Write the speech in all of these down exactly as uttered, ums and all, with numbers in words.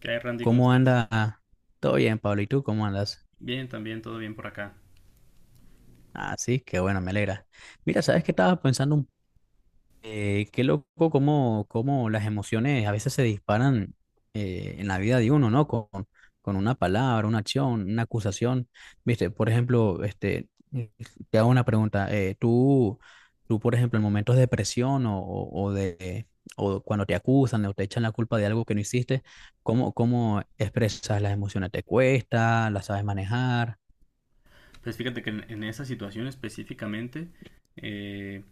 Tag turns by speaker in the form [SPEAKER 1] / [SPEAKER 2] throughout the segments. [SPEAKER 1] ¿Qué hay, Randy? ¿Cómo
[SPEAKER 2] ¿Cómo
[SPEAKER 1] estás?
[SPEAKER 2] anda? Ah, todo bien, Pablo. ¿Y tú cómo andas?
[SPEAKER 1] Bien, también, todo bien por acá.
[SPEAKER 2] Ah, sí, qué bueno, me alegra. Mira, ¿sabes qué estaba pensando? Un Eh, qué loco cómo, cómo las emociones a veces se disparan eh, en la vida de uno, ¿no? Con, con una palabra, una acción, una acusación. Viste, por ejemplo, este, eh, te hago una pregunta. eh, tú, tú, por ejemplo, en momentos de depresión o, o, o de, o cuando te acusan o te echan la culpa de algo que no hiciste, ¿cómo, cómo expresas las emociones? ¿Te cuesta? ¿Las sabes manejar?
[SPEAKER 1] Pues fíjate que en, en esa situación específicamente, eh,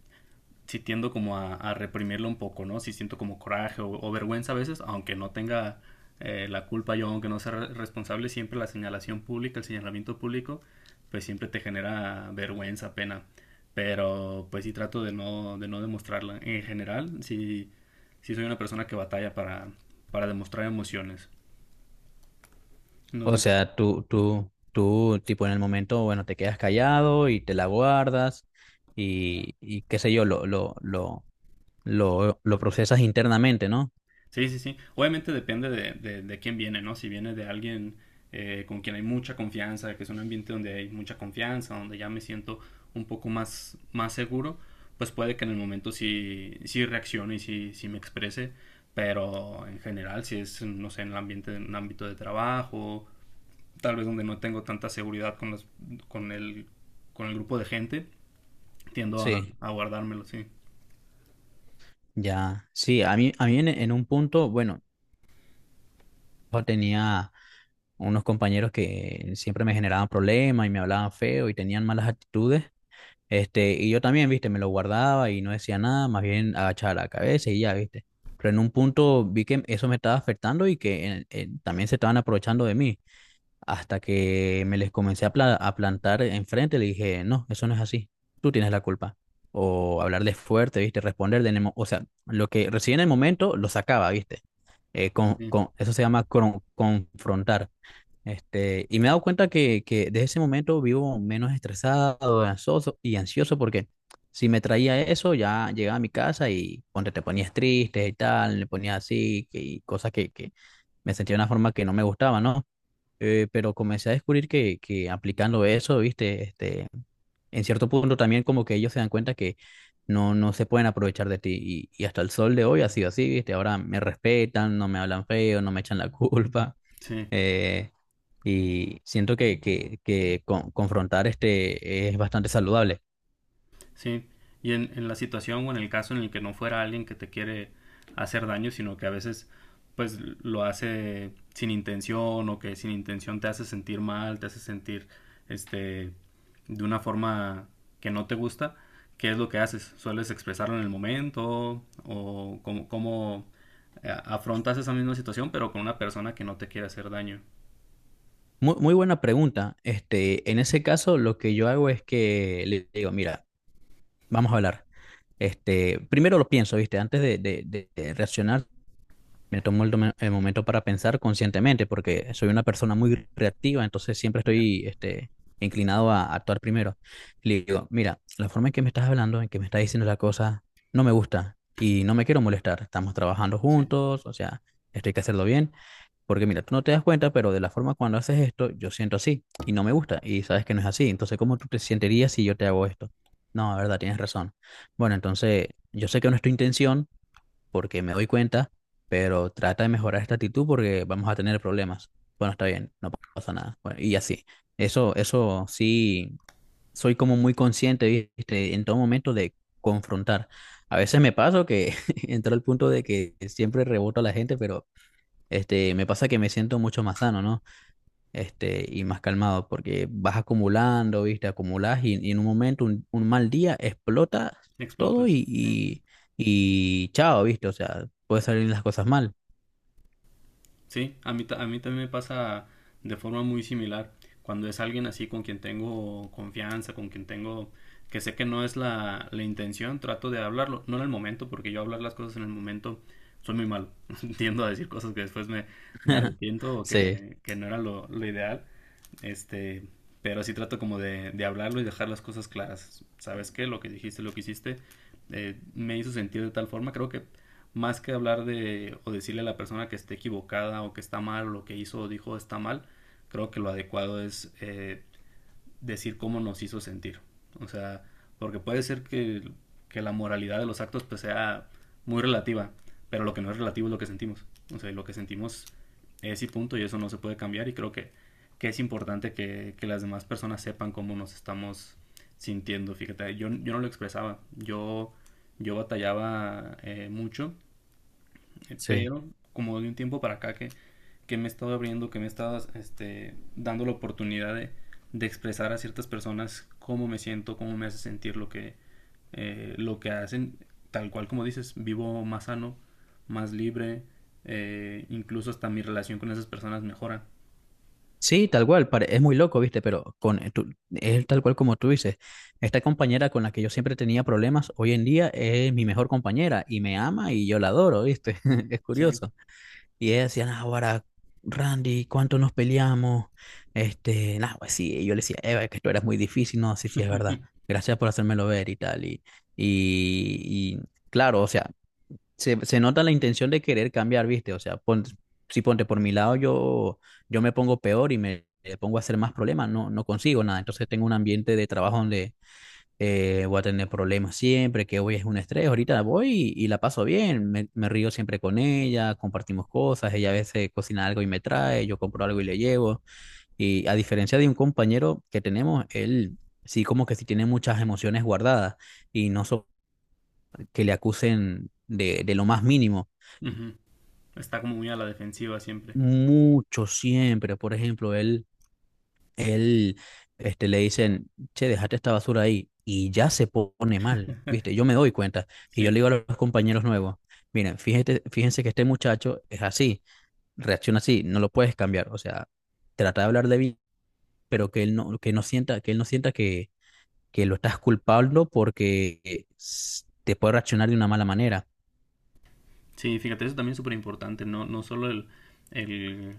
[SPEAKER 1] sí tiendo como a, a reprimirlo un poco, ¿no? Sí siento como coraje o, o vergüenza a veces, aunque no tenga eh, la culpa yo, aunque no sea re- responsable, siempre la señalación pública, el señalamiento público, pues siempre te genera vergüenza, pena. Pero pues sí trato de no, de no demostrarla. En general, sí, sí soy una persona que batalla para, para demostrar emociones.
[SPEAKER 2] O sea, tú, tú, tú, tipo en el momento, bueno, te quedas callado y te la guardas y, y qué sé yo, lo, lo, lo, lo, lo procesas internamente, ¿no?
[SPEAKER 1] Sí, sí, sí. Obviamente depende de, de- de quién viene, ¿no? Si viene de alguien eh, con quien hay mucha confianza, que es un ambiente donde hay mucha confianza, donde ya me siento un poco más, más seguro, pues puede que en el momento sí, sí reaccione y sí, sí me exprese, pero en general, si es, no sé, en el ambiente, en un ámbito de trabajo, tal vez donde no tengo tanta seguridad con los, con el, con el grupo de gente, tiendo a,
[SPEAKER 2] Sí,
[SPEAKER 1] a guardármelo, sí.
[SPEAKER 2] ya, sí. A mí, a mí en, en un punto, bueno, yo tenía unos compañeros que siempre me generaban problemas y me hablaban feo y tenían malas actitudes. Este, y yo también, viste, me lo guardaba y no decía nada, más bien agachaba la cabeza y ya, viste. Pero en un punto vi que eso me estaba afectando y que en- en- también se estaban aprovechando de mí. Hasta que me les comencé a, pla- a plantar enfrente, le dije, no, eso no es así, tú tienes la culpa. O hablarles fuerte, viste, responder de en el mo- o sea, lo que recibí en el momento lo sacaba, viste. Eh, con,
[SPEAKER 1] Sí,
[SPEAKER 2] con, eso se llama cron- confrontar. Este, y me he dado cuenta que, que desde ese momento vivo menos estresado, ansioso y ansioso porque si me traía eso, ya llegaba a mi casa y ponte, te ponías triste y tal, le ponías así que- y cosas que, que me sentía de una forma que no me gustaba, ¿no? Eh, pero comencé a descubrir que, que aplicando eso, viste, este, en cierto punto también como que ellos se dan cuenta que no, no se pueden aprovechar de ti y, y hasta el sol de hoy ha sido así, viste, ahora me respetan, no me hablan feo, no me echan la culpa,
[SPEAKER 1] sí.
[SPEAKER 2] eh, y siento que, que, que con- confrontar este es bastante saludable.
[SPEAKER 1] Sí, y en, en la situación o en el caso en el que no fuera alguien que te quiere hacer daño, sino que a veces pues lo hace sin intención o que sin intención te hace sentir mal, te hace sentir este de una forma que no te gusta, ¿qué es lo que haces? ¿Sueles expresarlo en el momento o cómo, cómo eh, afrontas esa misma situación pero con una persona que no te quiere hacer daño?
[SPEAKER 2] Muy, muy buena pregunta. Este, en ese caso, lo que yo hago es que le digo, mira, vamos a hablar. Este, primero lo pienso, ¿viste? Antes de, de- de- de reaccionar, me tomo el, tome- el momento para pensar conscientemente, porque soy una persona muy reactiva, entonces siempre
[SPEAKER 1] Ya.
[SPEAKER 2] estoy este, inclinado a actuar primero. Le digo, mira, la forma en que me estás hablando, en que me estás diciendo la cosa, no me gusta y no me quiero molestar. Estamos trabajando
[SPEAKER 1] Sí,
[SPEAKER 2] juntos, o sea, esto hay que hacerlo bien, porque mira, tú no te das cuenta, pero de la forma cuando haces esto, yo siento así y no me gusta y sabes que no es así. Entonces, ¿cómo tú te sentirías si yo te hago esto? No, la verdad, tienes razón. Bueno, entonces, yo sé que no es tu intención porque me doy cuenta, pero trata de mejorar esta actitud porque vamos a tener problemas. Bueno, está bien, no pasa nada. Bueno, y así. Eso, eso sí, soy como muy consciente, ¿viste? En todo momento de confrontar. A veces me pasa que entro al punto de que siempre reboto a la gente, pero este, me pasa que me siento mucho más sano, ¿no? Este, y más calmado, porque vas acumulando, ¿viste? Acumulas y, y en un momento, un, un mal día, explota todo
[SPEAKER 1] explotas.
[SPEAKER 2] y,
[SPEAKER 1] Sí.
[SPEAKER 2] y, y chao, ¿viste? O sea, puede salir las cosas mal.
[SPEAKER 1] Sí, a mí, ta- a mí también me pasa de forma muy similar. Cuando es alguien así con quien tengo confianza, con quien tengo que sé que no es la, la intención, trato de hablarlo, no en el momento, porque yo hablar las cosas en el momento soy muy malo. Tiendo a decir cosas que después me, me arrepiento o
[SPEAKER 2] Sí,
[SPEAKER 1] que, que no era lo, lo ideal. Este, pero sí trato como de, de hablarlo y dejar las cosas claras. ¿Sabes qué? Lo que dijiste, lo que hiciste, eh, me hizo sentir de tal forma. Creo que más que hablar de o decirle a la persona que esté equivocada o que está mal o lo que hizo o dijo está mal, creo que lo adecuado es eh, decir cómo nos hizo sentir. O sea, porque puede ser que, que la moralidad de los actos pues sea muy relativa, pero lo que no es relativo es lo que sentimos. O sea, lo que sentimos es y punto y eso no se puede cambiar y creo que, que es importante que, que las demás personas sepan cómo nos estamos sintiendo. Fíjate, yo, yo no lo expresaba, yo, yo batallaba eh, mucho eh,
[SPEAKER 2] sí.
[SPEAKER 1] pero como de un tiempo para acá que, que me he estado abriendo, que me he estado este, dando la oportunidad de, de expresar a ciertas personas cómo me siento, cómo me hace sentir lo que, eh, lo que hacen. Tal cual como dices, vivo más sano, más libre, eh, incluso hasta mi relación con esas personas mejora.
[SPEAKER 2] Sí, tal cual, pare- es muy loco, ¿viste? Pero con, eh, tú- es tal cual como tú dices. Esta compañera con la que yo siempre tenía problemas, hoy en día es mi mejor compañera y me ama y yo la adoro, ¿viste? Es
[SPEAKER 1] Sí.
[SPEAKER 2] curioso. Y ella decía, "No, ahora, Randy, ¿cuánto nos peleamos? Este, nah, pues sí", y yo le decía, "Eva, es que esto era muy difícil, no, sí, sí, es verdad. Gracias por hacérmelo ver" y tal. Y, y, y claro, o sea, se, se nota la intención de querer cambiar, ¿viste? O sea, pon- si ponte por mi lado, yo, yo me pongo peor y me eh, pongo a hacer más problemas, no, no consigo nada. Entonces tengo un ambiente de trabajo donde eh, voy a tener problemas siempre, que hoy es un estrés, ahorita voy y, y la paso bien, me, me río siempre con ella, compartimos cosas, ella a veces cocina algo y me trae, yo compro algo y le llevo, y a diferencia de un compañero que tenemos, él sí como que sí tiene muchas emociones guardadas y no so- que le acusen de, de lo más mínimo.
[SPEAKER 1] Ujú. Está como muy a la defensiva siempre.
[SPEAKER 2] Mucho siempre, por ejemplo, él él este, le dicen, che, dejate esta basura ahí, y ya se pone mal, ¿viste? Yo me doy cuenta, y yo le
[SPEAKER 1] Sí.
[SPEAKER 2] digo a los compañeros nuevos, miren, fíjate, fíjense que este muchacho es así, reacciona así, no lo puedes cambiar, o sea, trata de hablar de bien, pero que él no, que no sienta, que él no sienta que, que lo estás culpando porque eh, s- te puede reaccionar de una mala manera.
[SPEAKER 1] Sí, fíjate, eso también es súper importante, no, no solo el, el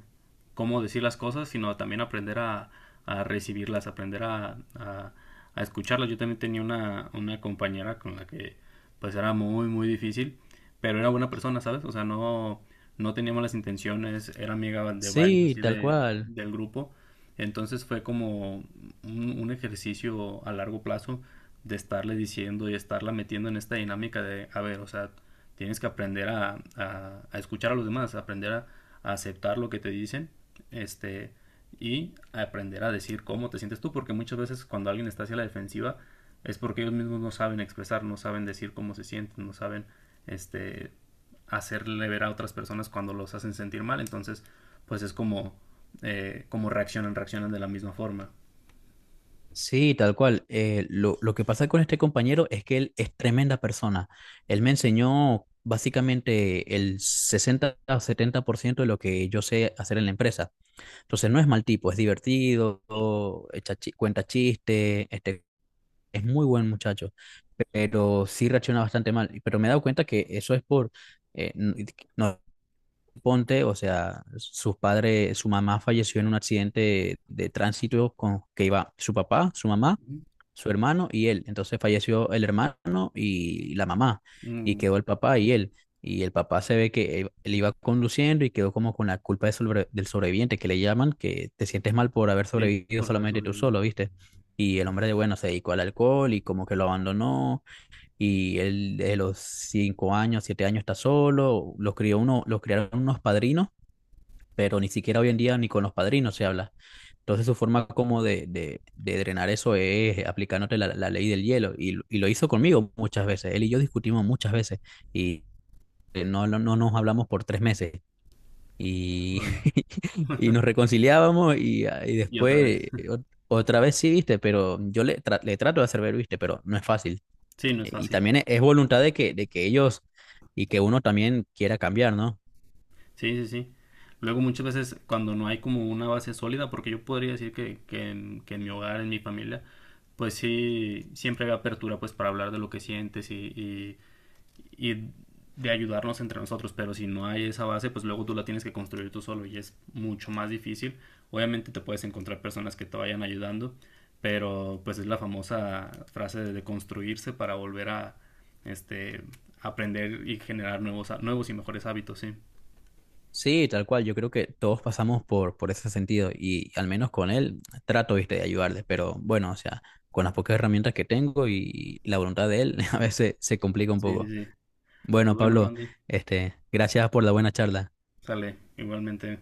[SPEAKER 1] cómo decir las cosas, sino también aprender a, a recibirlas, aprender a, a, a escucharlas. Yo también tenía una, una compañera con la que pues era muy, muy difícil, pero era buena persona, ¿sabes? O sea, no, no tenía malas intenciones, era amiga de varios
[SPEAKER 2] Sí,
[SPEAKER 1] así
[SPEAKER 2] tal
[SPEAKER 1] de,
[SPEAKER 2] cual.
[SPEAKER 1] del grupo. Entonces fue como un, un ejercicio a largo plazo de estarle diciendo y estarla metiendo en esta dinámica de, a ver, o sea, tienes que aprender a, a, a escuchar a los demás, aprender a, a aceptar lo que te dicen este, y aprender a decir cómo te sientes tú, porque muchas veces cuando alguien está hacia la defensiva es porque ellos mismos no saben expresar, no saben decir cómo se sienten, no saben este, hacerle ver a otras personas cuando los hacen sentir mal, entonces pues es como, eh, como reaccionan, reaccionan de la misma forma.
[SPEAKER 2] Sí, tal cual. Eh, lo, lo que pasa con este compañero es que él es tremenda persona. Él me enseñó básicamente el sesenta o setenta por ciento de lo que yo sé hacer en la empresa. Entonces no es mal tipo, es divertido, echa chi- cuenta chiste, este, es muy buen muchacho, pero sí reacciona bastante mal. Pero me he dado cuenta que eso es por, eh, n- no, ponte, o sea, sus padres, su mamá falleció en un accidente de tránsito con que iba su papá, su mamá,
[SPEAKER 1] Ujú.
[SPEAKER 2] su hermano y él. Entonces falleció el hermano y la mamá, y
[SPEAKER 1] Mm,
[SPEAKER 2] quedó el papá y él. Y el papá se ve que él él iba conduciendo y quedó como con la culpa de sobre- del sobreviviente, que le llaman, que te sientes mal por haber
[SPEAKER 1] sí,
[SPEAKER 2] sobrevivido
[SPEAKER 1] por saber
[SPEAKER 2] solamente tú
[SPEAKER 1] sobrevivir.
[SPEAKER 2] solo, ¿viste? Y el hombre de bueno se dedicó al alcohol y como que lo abandonó. Y él de los cinco años, siete años está solo. Los crió uno, los criaron unos padrinos, pero ni siquiera hoy en día ni con los padrinos se habla. Entonces su forma como de, de, de drenar eso es aplicándote la, la ley del hielo y, lo- y lo hizo conmigo muchas veces. Él y yo discutimos muchas veces y eh, no, no, no nos hablamos por tres meses y,
[SPEAKER 1] Órale.
[SPEAKER 2] y nos reconciliábamos y, ah, y
[SPEAKER 1] Y
[SPEAKER 2] después
[SPEAKER 1] otra vez.
[SPEAKER 2] eh, ot- otra vez sí, viste, pero yo le, tra- le trato de hacer ver, viste, pero no es fácil.
[SPEAKER 1] Sí, no es
[SPEAKER 2] Y
[SPEAKER 1] fácil.
[SPEAKER 2] también es, es voluntad de que, de que ellos y que uno también quiera cambiar, ¿no?
[SPEAKER 1] Sí, sí, sí. Luego muchas veces cuando no hay como una base sólida, porque yo podría decir que, que en, que en mi hogar, en mi familia, pues sí, siempre había apertura pues para hablar de lo que sientes y, y, y de ayudarnos entre nosotros, pero si no hay esa base, pues luego tú la tienes que construir tú solo y es mucho más difícil. Obviamente te puedes encontrar personas que te vayan ayudando, pero pues es la famosa frase de de construirse para volver a este aprender y generar nuevos ha- nuevos y mejores hábitos, sí.
[SPEAKER 2] Sí, tal cual. Yo creo que todos pasamos por, por ese sentido y al menos con él trato, viste, de ayudarle. Pero bueno, o sea, con las pocas herramientas que tengo y la voluntad de él, a veces se complica un
[SPEAKER 1] Sí, sí,
[SPEAKER 2] poco.
[SPEAKER 1] sí. Pues
[SPEAKER 2] Bueno,
[SPEAKER 1] bueno,
[SPEAKER 2] Pablo,
[SPEAKER 1] Randy,
[SPEAKER 2] este, gracias por la buena charla.
[SPEAKER 1] sale igualmente.